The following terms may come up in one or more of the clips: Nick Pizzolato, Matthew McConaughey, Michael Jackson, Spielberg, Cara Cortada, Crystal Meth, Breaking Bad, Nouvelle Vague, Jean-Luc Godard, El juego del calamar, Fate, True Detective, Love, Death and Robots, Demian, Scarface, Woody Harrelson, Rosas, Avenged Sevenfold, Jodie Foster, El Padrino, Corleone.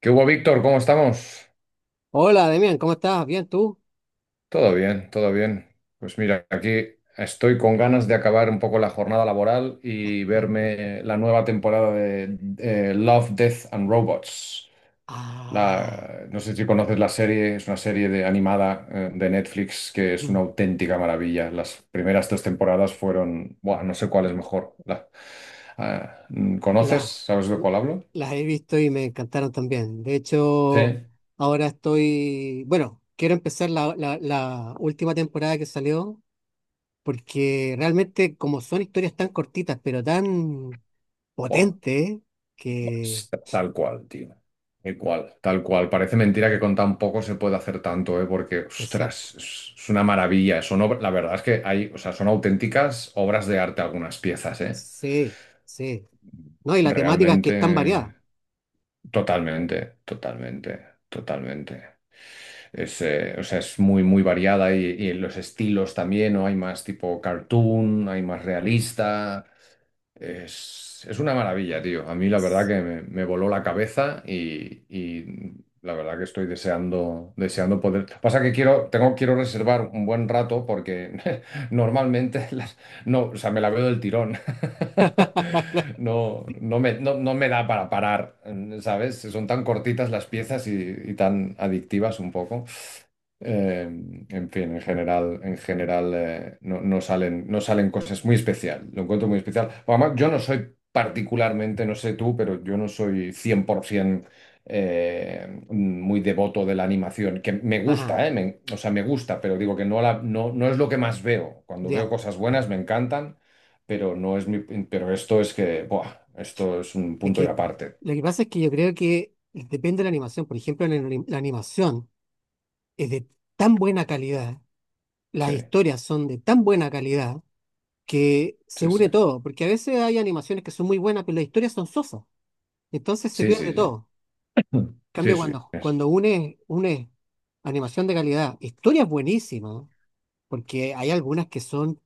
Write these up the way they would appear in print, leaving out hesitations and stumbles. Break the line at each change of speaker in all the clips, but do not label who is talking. ¿Qué hubo, Víctor? ¿Cómo estamos?
Hola, Demian, ¿cómo estás? ¿Bien tú?
Todo bien, todo bien. Pues mira, aquí estoy con ganas de acabar un poco la jornada laboral y verme la nueva temporada de Love, Death and Robots.
Ah,
No sé si conoces la serie, es una serie de, animada de Netflix que es una auténtica maravilla. Las primeras tres temporadas fueron, buah, no sé cuál es mejor. Ah, ¿Conoces?
las,
¿Sabes de cuál hablo?
las he visto y me encantaron también. De
Sí.
hecho, ahora estoy, bueno, quiero empezar la última temporada que salió, porque realmente como son historias tan cortitas, pero tan
Buah.
potentes, que...
Tal cual, tío. Tal cual, tal cual. Parece mentira que con tan poco se puede hacer tanto, ¿eh? Porque,
Exacto.
ostras, es una maravilla. Son, la verdad es que hay, o sea, son auténticas obras de arte algunas piezas, ¿eh?
Sí, sí. No, y la temática es que
Realmente,
es tan variada.
totalmente, totalmente, totalmente. Es, o sea, es muy, muy variada y los estilos también, ¿no? Hay más tipo cartoon, hay más realista. Es una maravilla, tío. A mí la verdad que me voló la cabeza y la verdad que estoy deseando, deseando poder. Pasa que quiero, tengo, quiero reservar un buen rato porque normalmente no, o sea, me la veo del tirón. No, no me, no, no me da para parar, ¿sabes? Son tan cortitas las piezas y tan adictivas un poco. Eh, en fin, en general no, no salen, no salen cosas muy especial. Lo encuentro muy especial. Además, yo no soy particularmente, no sé tú, pero yo no soy 100% muy devoto de la animación, que me
Ajá,
gusta, o sea, me gusta, pero digo que no, la, no, no es lo que más veo. Cuando veo
ya.
cosas buenas me encantan, pero no es mi, pero esto es que, buah, esto es un
Es
punto y
que
aparte.
lo que pasa es que yo creo que depende de la animación. Por ejemplo, la animación es de tan buena calidad, las
Sí,
historias son de tan buena calidad que se
sí, sí.
une todo. Porque a veces hay animaciones que son muy buenas, pero las historias son sosas. Entonces se
Sí, sí,
pierde
sí.
todo. En
Sí,
cambio,
sí,
cuando,
es
cuando une, une animación de calidad, historias buenísimas, porque hay algunas que son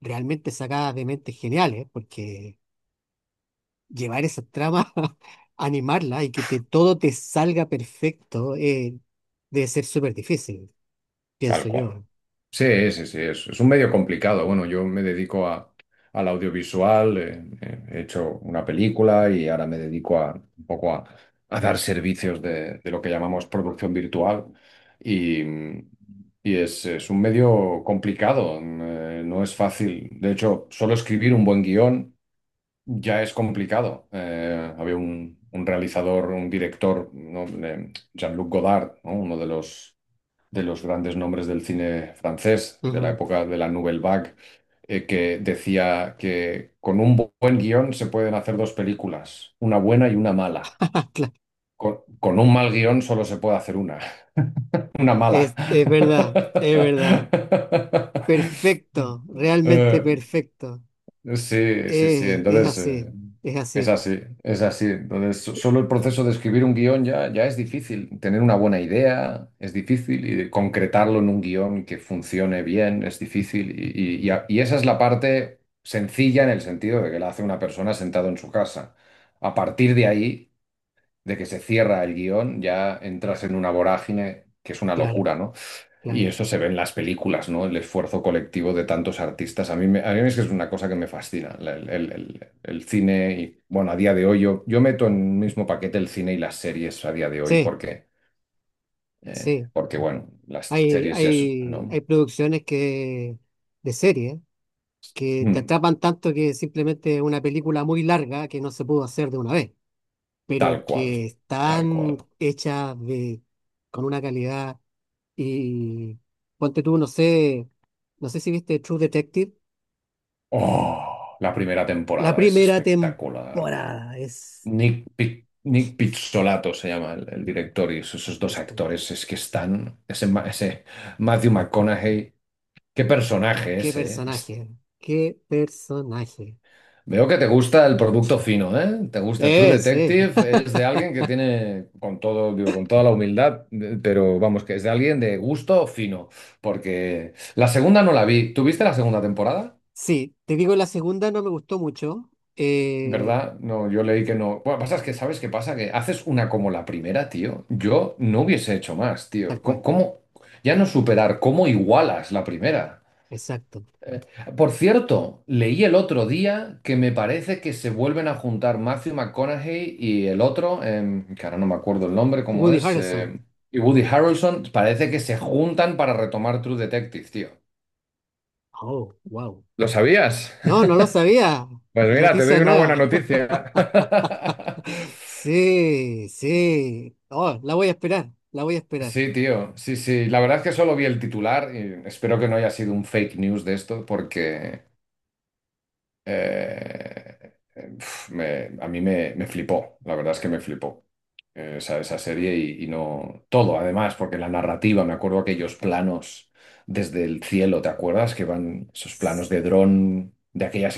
realmente sacadas de mentes geniales, porque llevar esa trama, animarla y que todo te salga perfecto, debe ser súper difícil,
tal
pienso
cual.
yo.
Sí, sí, sí, es un medio complicado. Bueno, yo me dedico a, al audiovisual, he hecho una película y ahora me dedico a, un poco a dar servicios de lo que llamamos producción virtual y, y es un medio complicado, no es fácil. De hecho, solo escribir un buen guión ya es complicado. Había un realizador, un director, ¿no? Jean-Luc Godard, ¿no? Uno de los grandes nombres del cine francés, de la
Ujú.
época de la Nouvelle Vague, que decía que con un buen guión se pueden hacer dos películas, una buena y una mala.
Claro.
Con un mal guión solo se puede hacer una, una mala.
Es verdad, es verdad. Perfecto, realmente
Eh,
perfecto.
Sí, sí, sí.
Es
Entonces,
así, es
es
así.
así, es así. Entonces, solo el proceso de escribir un guión ya, ya es difícil. Tener una buena idea es difícil y de concretarlo en un guión que funcione bien es difícil. Y esa es la parte sencilla en el sentido de que la hace una persona sentado en su casa. A partir de ahí, de que se cierra el guión, ya entras en una vorágine que es una
Claro,
locura, ¿no? Y
claro.
eso se ve en las películas, ¿no? El esfuerzo colectivo de tantos artistas. A mí es que es una cosa que me fascina, el cine y, bueno, a día de hoy yo, yo meto en el mismo paquete el cine y las series a día de hoy
Sí,
porque,
sí.
porque bueno, las
Hay,
series ya son,
hay,
¿no?
hay producciones de serie que te
Mm,
atrapan tanto que simplemente es una película muy larga que no se pudo hacer de una vez. Pero
Tal cual,
que
tal cual.
están hechas de, con una calidad y ponte tú, no sé, no sé si viste True Detective,
¡Oh! La primera
la
temporada es
primera
espectacular.
temporada es...
Nick Pizzolato se llama el director y esos, esos dos
es.
actores es que están, ese Matthew McConaughey. Qué personaje
Qué
ese, ¿eh? Es-
personaje, qué personaje.
Veo que te gusta el producto fino, ¿eh? Te gusta True
Sí.
Detective, es de alguien que tiene, con todo, digo, con toda la humildad, pero vamos, que es de alguien de gusto fino, porque la segunda no la vi. ¿Tuviste la segunda temporada?
Sí, te digo, la segunda no me gustó mucho. eh,
¿Verdad? No, yo leí que no. Bueno, pasa es que, ¿sabes qué pasa? Que haces una como la primera, tío. Yo no hubiese hecho más,
Tal
tío. ¿Cómo,
cual,
cómo- ya no superar, cómo igualas la primera?
exacto.
Por cierto, leí el otro día que me parece que se vuelven a juntar Matthew McConaughey y el otro, que ahora no me acuerdo el nombre, cómo
Woody
es,
Harrelson.
y Woody Harrelson, parece que se juntan para retomar True Detective, tío.
Oh, wow.
¿Lo sabías?
No, no lo sabía.
Pues mira, te doy
Noticia
una buena
nueva.
noticia.
Sí, sí. Oh, la voy a esperar, la voy a esperar.
Sí, tío, sí, sí. La verdad es que solo vi el titular y espero que no haya sido un fake news de esto porque pf, a mí me, me flipó, la verdad es que me flipó. Esa, esa serie y no todo, además, porque la narrativa, me acuerdo aquellos planos desde el cielo, ¿te acuerdas? Que van esos planos de dron, de aquellas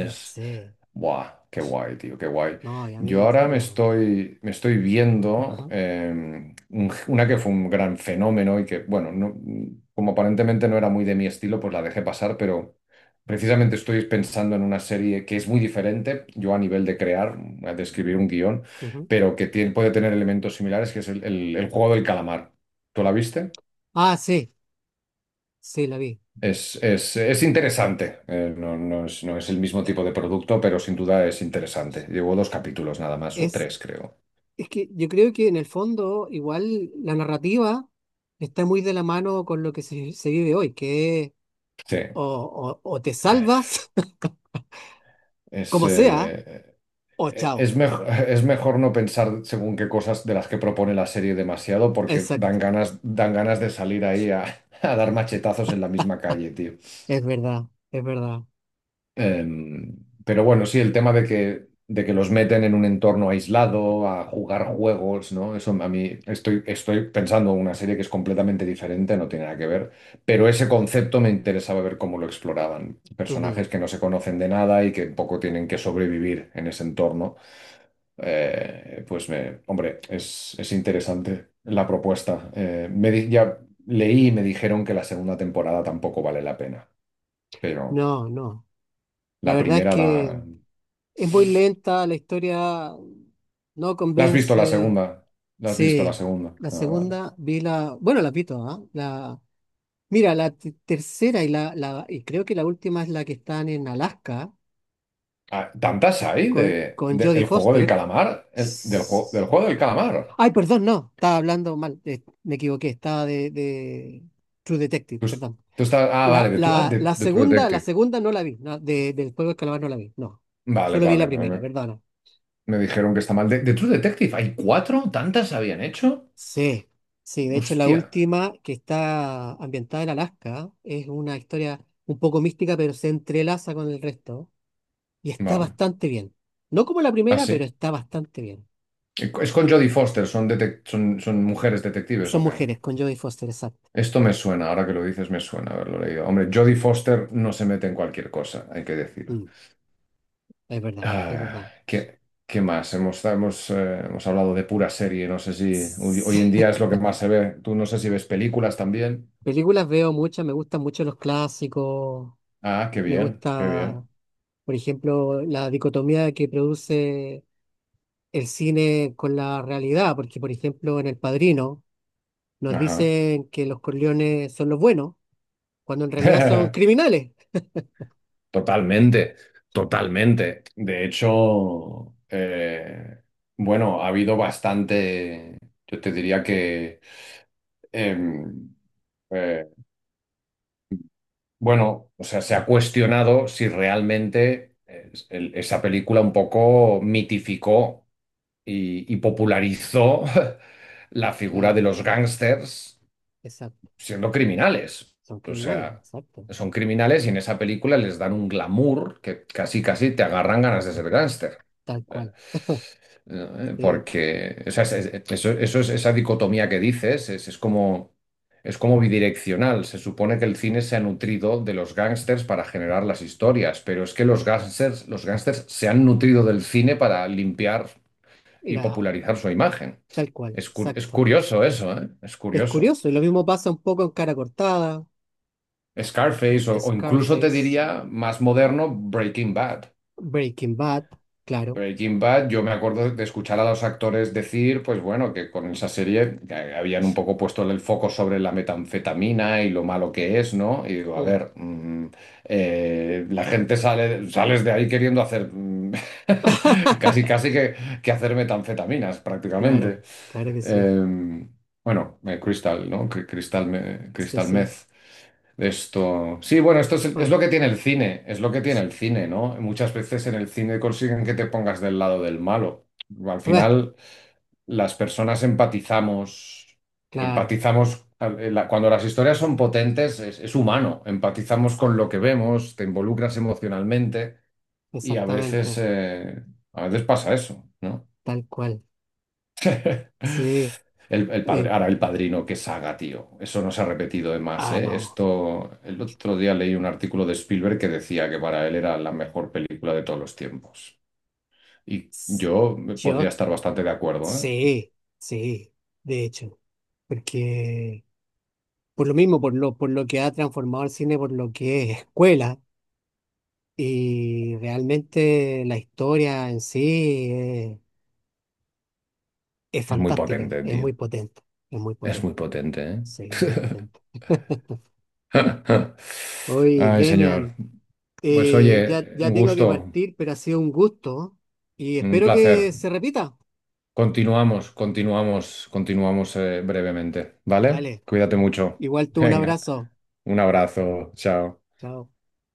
No sé.
Buah, qué guay, tío, qué guay.
No, y a
Yo
mí
ahora
la...
me estoy viendo
Ajá,
una que fue un gran fenómeno y que, bueno, no- como aparentemente no era muy de mi estilo, pues la dejé pasar, pero precisamente estoy pensando en una serie que es muy diferente, yo a nivel de crear, de escribir un guión,
ujú.
pero que puede tener elementos similares, que es el juego del calamar. ¿Tú la viste?
Ah, sí, sí, la vi.
Es, es interesante. No, no es, no es el mismo tipo de producto, pero sin duda es interesante. Llevo dos capítulos nada más, o
Es,
tres, creo.
es que yo creo que en el fondo igual la narrativa está muy de la mano con lo que se vive hoy, que es
Sí.
o te
Eh,
salvas,
Es,
como sea,
eh,
o chao.
es, mejor, es mejor no pensar según qué cosas de las que propone la serie demasiado, porque
Exacto.
dan ganas de salir ahí a, a dar machetazos en la misma calle, tío.
Es verdad, es verdad.
Em, pero bueno, sí, el tema de que los meten en un entorno aislado, a jugar juegos, ¿no? Eso a mí estoy, estoy pensando en una serie que es completamente diferente, no tiene nada que ver, pero ese concepto me interesaba ver cómo lo exploraban. Personajes
Ujú.
que no se conocen de nada y que un poco tienen que sobrevivir en ese entorno. Pues, me, hombre, es interesante la propuesta. Ya leí y me dijeron que la segunda temporada tampoco vale la pena, pero
No, no. La
la
verdad es
primera
que...
la...
Es muy lenta, la historia no
¿La has visto la
convence.
segunda? ¿La has visto la
Sí,
segunda?
la
Ah, vale.
segunda vi la, bueno, la pito, ¿ah? La, mira, tercera y la y creo que la última es la que están en Alaska
Ah, ¿tantas hay de,
con Jodie
el juego del
Foster.
calamar? Del
S-
juego del calamar.
Ay, perdón, no, estaba hablando mal, me equivoqué, estaba de True Detective,
Tú,
perdón.
tú estás, ah,
La,
vale, de, ah,
la, la
de True
segunda, la
Detective.
segunda no la vi, no, del juego de calamar no la vi, no.
Vale,
Solo vi la
vale,
primera, perdón.
me dijeron que está mal. De True Detective hay cuatro? ¿Tantas habían hecho?
Sí, sí, de hecho la
Hostia.
última que está ambientada en Alaska es una historia un poco mística, pero se entrelaza con el resto y está
Vale,
bastante bien. No como la primera, pero
así.
está bastante bien.
Es con Jodie Foster, ¿son, son mujeres detectives
Son
o qué?
mujeres con Jodie Foster, exacto.
Esto me suena, ahora que lo dices me suena haberlo leído. Hombre, Jodie Foster no se mete en cualquier cosa, hay que decir.
Mm, es verdad, es
Ah,
verdad.
¿qué, qué más? Hemos, hemos, hemos hablado de pura serie, no sé si hoy,
Sí.
hoy en día es lo que más se ve. Tú no sé si ves películas también.
Películas veo muchas, me gustan mucho los clásicos,
Ah, qué
me
bien, qué
gusta,
bien.
por ejemplo, la dicotomía que produce el cine con la realidad, porque por ejemplo en El Padrino, nos
Ajá.
dicen que los Corleones son los buenos, cuando en realidad son criminales.
Totalmente, totalmente. De hecho, bueno, ha habido bastante, yo te diría que, em, eh, bueno, o sea, se ha cuestionado si realmente esa película un poco mitificó. Y, y popularizó la figura de
Claro,
los gángsters
exacto.
siendo criminales.
Son
O
criminales,
sea,
exacto.
son criminales y en esa película les dan un glamour que casi casi te agarran ganas de ser gángster.
Tal
Eh,
cual. Sí.
Porque o sea, eso, eso es esa dicotomía que dices, es como bidireccional. Se supone que el cine se ha nutrido de los gángsters para generar las historias, pero es que los gángsters se han nutrido del cine para limpiar y
La,
popularizar su imagen.
tal cual,
Es, es
exacto.
curioso eso, ¿eh? Es
Es
curioso.
curioso, y lo mismo pasa un poco en Cara Cortada,
Scarface o incluso te
Scarface,
diría más moderno Breaking Bad.
Breaking Bad, claro.
Breaking Bad, yo me acuerdo de escuchar a los actores decir, pues bueno, que con esa serie que habían un poco puesto el foco sobre la metanfetamina y lo malo que es, ¿no? Y digo, a
Mm.
ver, la gente sale, sales de ahí queriendo hacer casi casi que hacer metanfetaminas
Claro,
prácticamente.
claro que sí.
Em, bueno, Crystal, ¿no? Crystal,
Sí,
Crystal
sí.
Meth. Esto. Sí, bueno, esto es
Bueno,
lo que tiene el cine, es lo que tiene el cine, ¿no? Muchas veces en el cine consiguen que te pongas del lado del malo. Al
pues,
final, las personas empatizamos,
claro,
empatizamos, cuando las historias son potentes, es humano, empatizamos
exact-
con lo que vemos, te involucras emocionalmente y
exactamente,
a veces pasa eso, ¿no?
tal cual. Sí.
El padre,
eh,
ahora el padrino, qué saga, tío. Eso no se ha repetido de más,
ah,
¿eh?
no.
Esto, el otro día leí un artículo de Spielberg que decía que para él era la mejor película de todos los tiempos. Y
S-
yo podría
Yo
estar bastante de acuerdo, ¿eh?
sí, sí, de hecho, porque por lo mismo, por lo que ha transformado el cine, por lo que es escuela, y realmente la historia en sí es
Es muy
fantástica,
potente, tío.
es muy
Es muy
potente,
potente, ¿eh?
sí, es muy potente. Oye,
Ay, señor.
Demian,
Pues oye,
ya, ya
un
tengo que
gusto,
partir, pero ha sido un gusto y
un
espero
placer.
que se repita.
Continuamos, continuamos, continuamos brevemente, ¿vale?
Dale,
Cuídate mucho.
igual tú un
Venga,
abrazo,
un abrazo, chao.
chao.